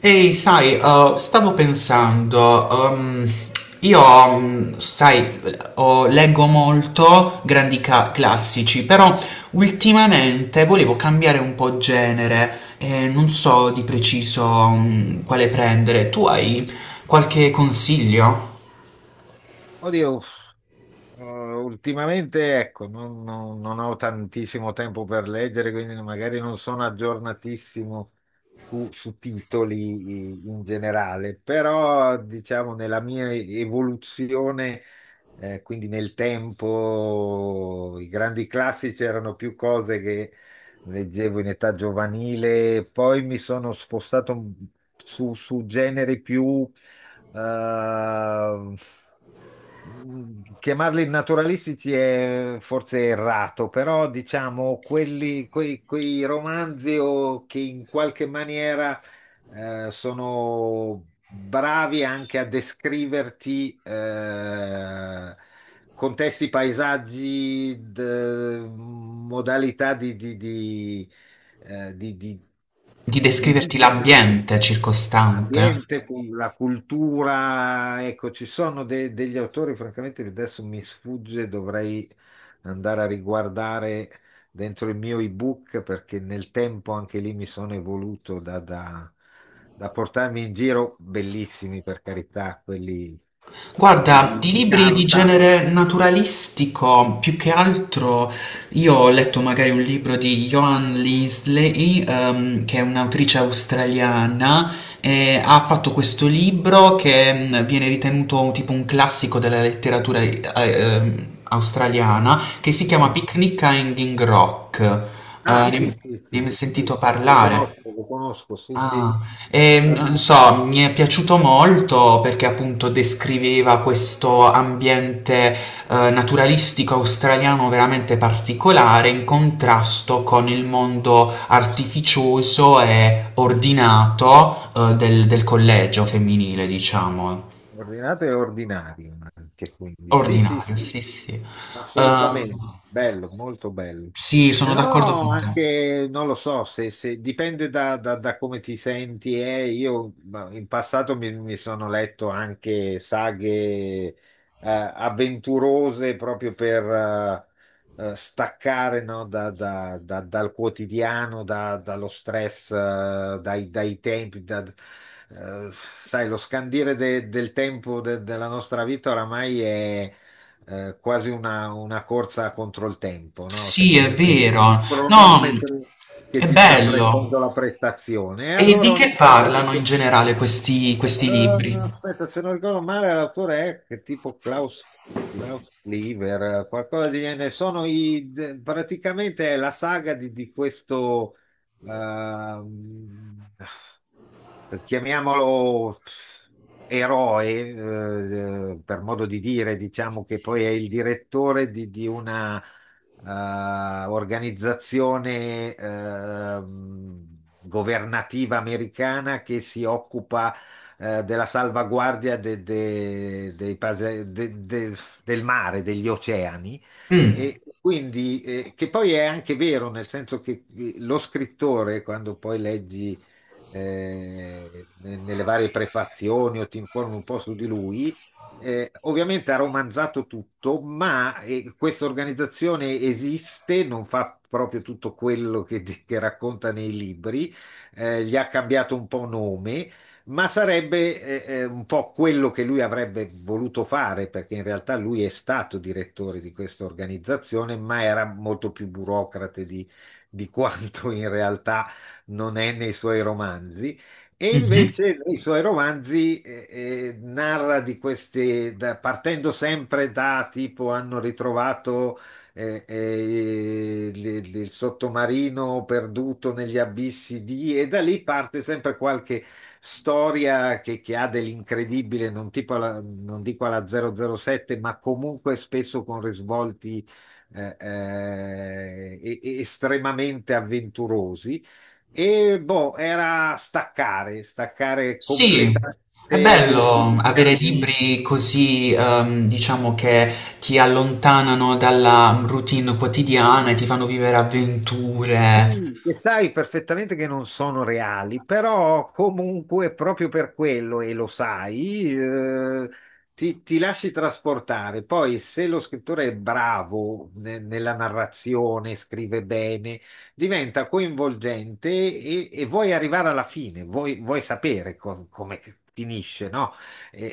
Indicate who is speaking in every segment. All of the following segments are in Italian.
Speaker 1: Ehi, sai, stavo pensando, io, sai, leggo molto grandi classici, però ultimamente volevo cambiare un po' genere e non so di preciso, quale prendere. Tu hai qualche consiglio
Speaker 2: Oddio, ultimamente ecco, non ho tantissimo tempo per leggere, quindi magari non sono aggiornatissimo su titoli in generale, però diciamo nella mia evoluzione, quindi nel tempo, i grandi classici erano più cose che leggevo in età giovanile, poi mi sono spostato su generi più... eh, Chiamarli naturalistici è forse errato, però diciamo quei romanzi o che in qualche maniera sono bravi anche a descriverti contesti, paesaggi, modalità eh, di- di-
Speaker 1: di
Speaker 2: di
Speaker 1: descriverti
Speaker 2: vita.
Speaker 1: l'ambiente circostante?
Speaker 2: L'ambiente, la cultura, ecco, ci sono degli autori, francamente, che adesso mi sfugge, dovrei andare a riguardare dentro il mio ebook perché nel tempo anche lì mi sono evoluto da portarmi in giro, bellissimi per carità, quelli
Speaker 1: Guarda, di
Speaker 2: di
Speaker 1: libri di
Speaker 2: carta.
Speaker 1: genere naturalistico, più che altro io ho letto magari un libro di Joan Linsley, che è un'autrice australiana, e ha fatto questo libro che viene ritenuto tipo un classico della letteratura australiana, che si chiama
Speaker 2: Mhm.
Speaker 1: Picnic a Hanging Rock.
Speaker 2: Ah,
Speaker 1: Ne Mm.
Speaker 2: sì,
Speaker 1: Ne
Speaker 2: sì, sì,
Speaker 1: hai mai
Speaker 2: sì,
Speaker 1: sentito parlare?
Speaker 2: lo conosco, sì, sì.
Speaker 1: Ah,
Speaker 2: Eh,
Speaker 1: non so, mi è piaciuto molto perché appunto descriveva questo ambiente naturalistico australiano veramente particolare in contrasto con il mondo artificioso e ordinato, del, del collegio femminile, diciamo.
Speaker 2: Ordinato e ordinario anche, quindi. Sì, sì,
Speaker 1: Ordinario,
Speaker 2: sì.
Speaker 1: sì, sì. Eh,
Speaker 2: Assolutamente, bello, molto bello.
Speaker 1: sì,
Speaker 2: Se
Speaker 1: sono d'accordo
Speaker 2: no,
Speaker 1: con te.
Speaker 2: anche non lo so, dipende da come ti senti. Io ma, in passato mi sono letto anche saghe eh, avventurose proprio per staccare no, dal quotidiano, dallo stress, dai tempi. Sai, lo scandire del tempo della nostra vita oramai è quasi una corsa contro il tempo, no?
Speaker 1: Sì,
Speaker 2: Sembra
Speaker 1: è
Speaker 2: che c'è un
Speaker 1: vero. No,
Speaker 2: cronometro che
Speaker 1: è
Speaker 2: ti sta
Speaker 1: bello.
Speaker 2: prendendo la prestazione. E
Speaker 1: E
Speaker 2: allora
Speaker 1: di che
Speaker 2: ogni tanto,
Speaker 1: parlano in generale questi libri?
Speaker 2: aspetta, se non ricordo male, l'autore è che tipo Klaus Klever, qualcosa di genere. Sono praticamente è la saga di questo. ehm, chiamiamolo eroe, per modo di dire, diciamo che poi è il direttore di una organizzazione governativa americana che si occupa della salvaguardia dei del mare, degli oceani.
Speaker 1: Mh.
Speaker 2: E quindi, che poi è anche vero, nel senso che lo scrittore, quando poi leggi nelle varie prefazioni o ti informi un po' su di lui. Ovviamente ha romanzato tutto, ma questa organizzazione esiste, non fa proprio tutto quello che racconta nei libri, gli ha cambiato un po' nome, ma sarebbe un po' quello che lui avrebbe voluto fare, perché in realtà lui è stato direttore di questa organizzazione, ma era molto più burocrate di quanto in realtà non è nei suoi romanzi. E
Speaker 1: Mh-mh.
Speaker 2: invece nei suoi romanzi narra di queste, partendo sempre da tipo hanno ritrovato il sottomarino perduto negli abissi di, e da lì parte sempre qualche storia che ha dell'incredibile, non, tipo non dico alla 007, ma comunque spesso con risvolti estremamente avventurosi. E boh, era staccare, staccare
Speaker 1: Sì, è
Speaker 2: completamente
Speaker 1: bello avere
Speaker 2: energie.
Speaker 1: libri così, diciamo che ti allontanano dalla routine quotidiana e ti fanno vivere avventure.
Speaker 2: Sì, e sai perfettamente che non sono reali, però comunque proprio per quello, e lo sai, ti lasci trasportare. Poi se lo scrittore è bravo nella narrazione, scrive bene, diventa coinvolgente e vuoi arrivare alla fine, vuoi sapere come finisce, no? E,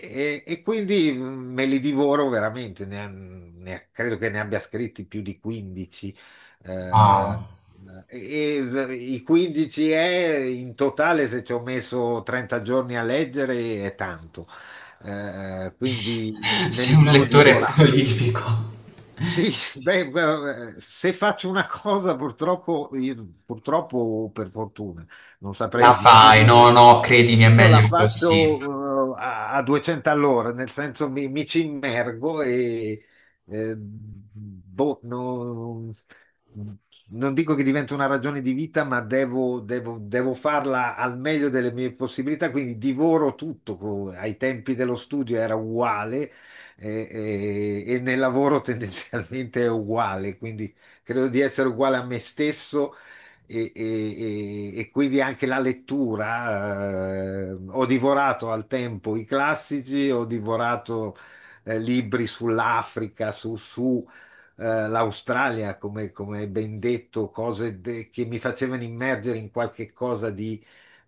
Speaker 2: e- E quindi me li divoro veramente, credo che ne abbia scritti più di 15. Eh,
Speaker 1: Wow.
Speaker 2: e i 15 è in totale, se ci ho messo 30 giorni a leggere, è tanto. Quindi me
Speaker 1: Sei
Speaker 2: li
Speaker 1: un
Speaker 2: sono
Speaker 1: lettore
Speaker 2: divorati.
Speaker 1: prolifico.
Speaker 2: Sì, beh, se faccio una cosa purtroppo, purtroppo o per fortuna, non
Speaker 1: La
Speaker 2: saprei
Speaker 1: fai,
Speaker 2: dirlo,
Speaker 1: no, no, credimi, è
Speaker 2: io la
Speaker 1: meglio così.
Speaker 2: faccio a 200 all'ora, nel senso mi ci immergo e boh, non dico che diventa una ragione di vita, ma devo farla al meglio delle mie possibilità, quindi divoro tutto. Ai tempi dello studio era uguale, e nel lavoro tendenzialmente è uguale, quindi credo di essere uguale a me stesso e quindi anche la lettura. Ho divorato al tempo i classici, ho divorato libri sull'Africa, su, l'Australia, come ben detto, cose che mi facevano immergere in qualche cosa di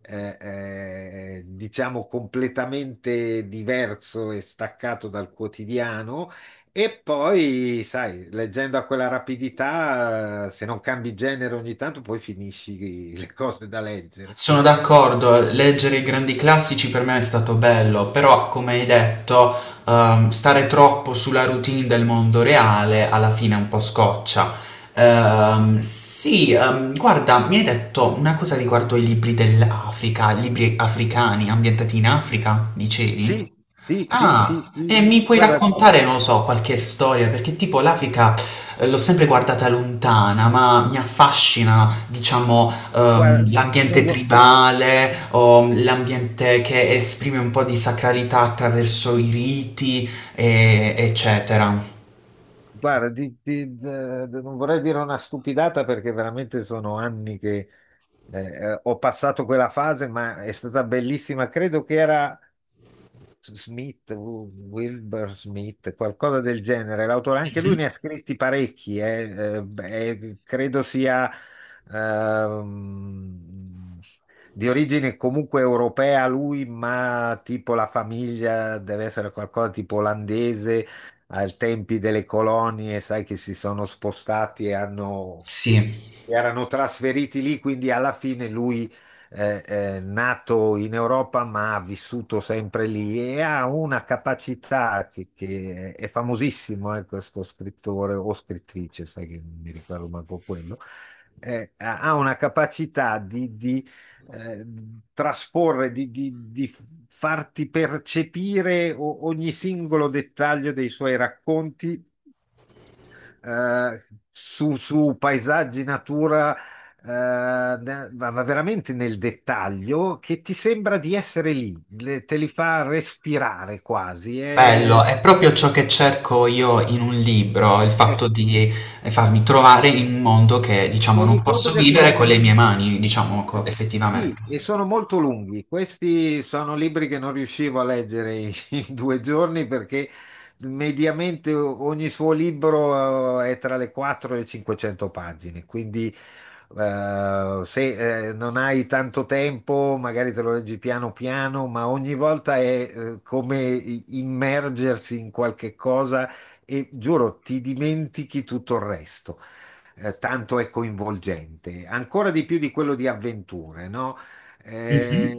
Speaker 2: diciamo completamente diverso e staccato dal quotidiano. E poi, sai, leggendo a quella rapidità, se non cambi genere ogni tanto, poi finisci le cose da leggere.
Speaker 1: Sono d'accordo, leggere i grandi classici per me è stato bello, però come hai detto, stare troppo sulla routine del mondo reale alla fine è un po' scoccia. Sì, guarda, mi hai detto una cosa riguardo i libri dell'Africa, libri africani ambientati in Africa, dicevi?
Speaker 2: Sì, sì, sì,
Speaker 1: Ah,
Speaker 2: sì. Sì.
Speaker 1: e mi puoi
Speaker 2: Guarda,
Speaker 1: raccontare, non lo so, qualche storia? Perché tipo l'Africa l'ho sempre guardata lontana, ma mi affascina, diciamo,
Speaker 2: guarda, non
Speaker 1: l'ambiente
Speaker 2: vo-
Speaker 1: tribale o l'ambiente che esprime un po' di sacralità attraverso i riti, eccetera.
Speaker 2: Guarda, di- de- de- non vorrei dire una stupidata perché veramente sono anni che ho passato quella fase, ma è stata bellissima. Credo che era Wilbur Smith, qualcosa del genere. L'autore, anche lui
Speaker 1: Mhm.
Speaker 2: ne ha scritti parecchi, beh, credo sia ehm, di origine comunque europea lui, ma tipo la famiglia deve essere qualcosa tipo olandese ai tempi delle colonie, sai che si sono spostati e hanno
Speaker 1: Sì.
Speaker 2: erano trasferiti lì, quindi alla fine lui nato in Europa ma ha vissuto sempre lì e ha una capacità che è famosissimo, questo scrittore o scrittrice, sai che non mi ricordo manco quello, ha una capacità eh, trasporre, di farti percepire ogni singolo dettaglio dei suoi racconti eh, su paesaggi, natura, ma veramente nel dettaglio, che ti sembra di essere lì, te li fa respirare quasi.
Speaker 1: Bello,
Speaker 2: E,
Speaker 1: è proprio ciò che cerco io in un libro, il fatto
Speaker 2: ecco,
Speaker 1: di farmi trovare in un mondo che, diciamo,
Speaker 2: tieni
Speaker 1: non
Speaker 2: conto
Speaker 1: posso
Speaker 2: che
Speaker 1: vivere con
Speaker 2: sono
Speaker 1: le mie mani, diciamo,
Speaker 2: eh,
Speaker 1: effettivamente.
Speaker 2: sì, e sono molto lunghi. Questi sono libri che non riuscivo a leggere in in 2 giorni perché mediamente ogni suo libro è tra le 4 e le 500 pagine. Quindi se non hai tanto tempo, magari te lo leggi piano piano, ma ogni volta è come immergersi in qualche cosa e giuro, ti dimentichi tutto il resto tanto è coinvolgente, ancora di più di quello di avventure, no?
Speaker 1: Mh-mh.
Speaker 2: Eh,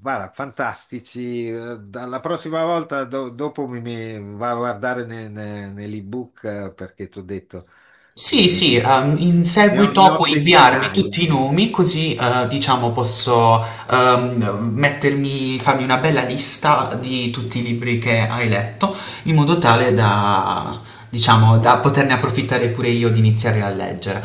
Speaker 2: guarda, fantastici. Dalla prossima volta, dopo mi vado a guardare nell'ebook perché ti ho detto,
Speaker 1: Sì,
Speaker 2: eh,
Speaker 1: sì, in
Speaker 2: ne
Speaker 1: seguito
Speaker 2: ho
Speaker 1: puoi inviarmi
Speaker 2: centinaia.
Speaker 1: tutti i nomi così, diciamo posso, mettermi farmi una bella lista di tutti i libri che hai letto, in modo tale da diciamo, da poterne approfittare pure io di iniziare a leggere.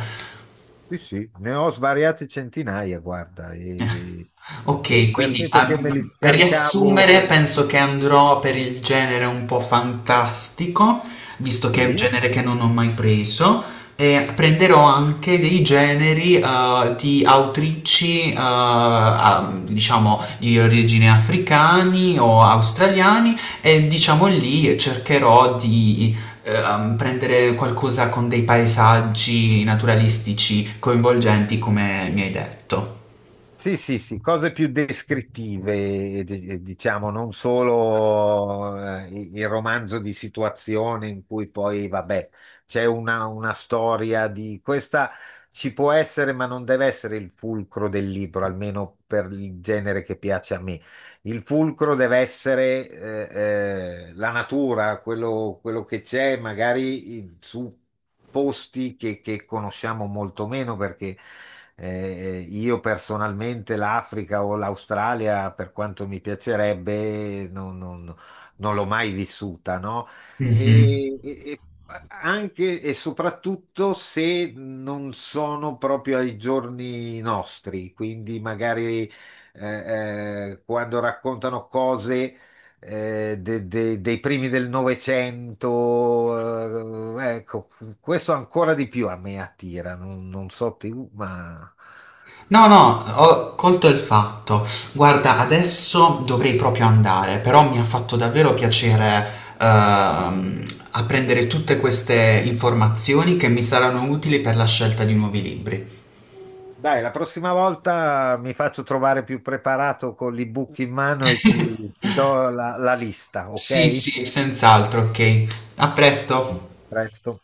Speaker 2: Sì, sì, ne ho svariate centinaia, guarda.
Speaker 1: Ok, quindi
Speaker 2: Perché? Perché me li
Speaker 1: per
Speaker 2: scaricavo.
Speaker 1: riassumere, penso che andrò per il genere un po' fantastico, visto che è un
Speaker 2: Sì.
Speaker 1: genere che non ho mai preso, e prenderò anche dei generi di autrici, diciamo, di origine africani o australiani, e diciamo lì cercherò di prendere qualcosa con dei paesaggi naturalistici coinvolgenti, come mi hai detto.
Speaker 2: Sì, sì, sì, cose più descrittive, diciamo, non solo il romanzo di situazione in cui poi, vabbè, c'è una storia di questa ci può essere, ma non deve essere il fulcro del libro, almeno per il genere che piace a me. Il fulcro deve essere la natura, quello che c'è, magari su posti che conosciamo molto meno, perché io personalmente l'Africa o l'Australia, per quanto mi piacerebbe, non l'ho mai vissuta, no?
Speaker 1: Mhm.
Speaker 2: E anche e soprattutto se non sono proprio ai giorni nostri, quindi magari quando raccontano cose dei primi del Novecento, ecco, questo ancora di più a me attira, non, non so più, ma
Speaker 1: No, no, ho colto il fatto. Guarda, adesso dovrei proprio andare, però mi ha fatto davvero piacere ehm, apprendere tutte queste informazioni che mi saranno utili per la scelta di nuovi libri.
Speaker 2: dai, la prossima volta mi faccio trovare più preparato con l'ebook in mano e ti do la lista,
Speaker 1: Sì,
Speaker 2: ok?
Speaker 1: sì, senz'altro, ok. A presto.
Speaker 2: A presto.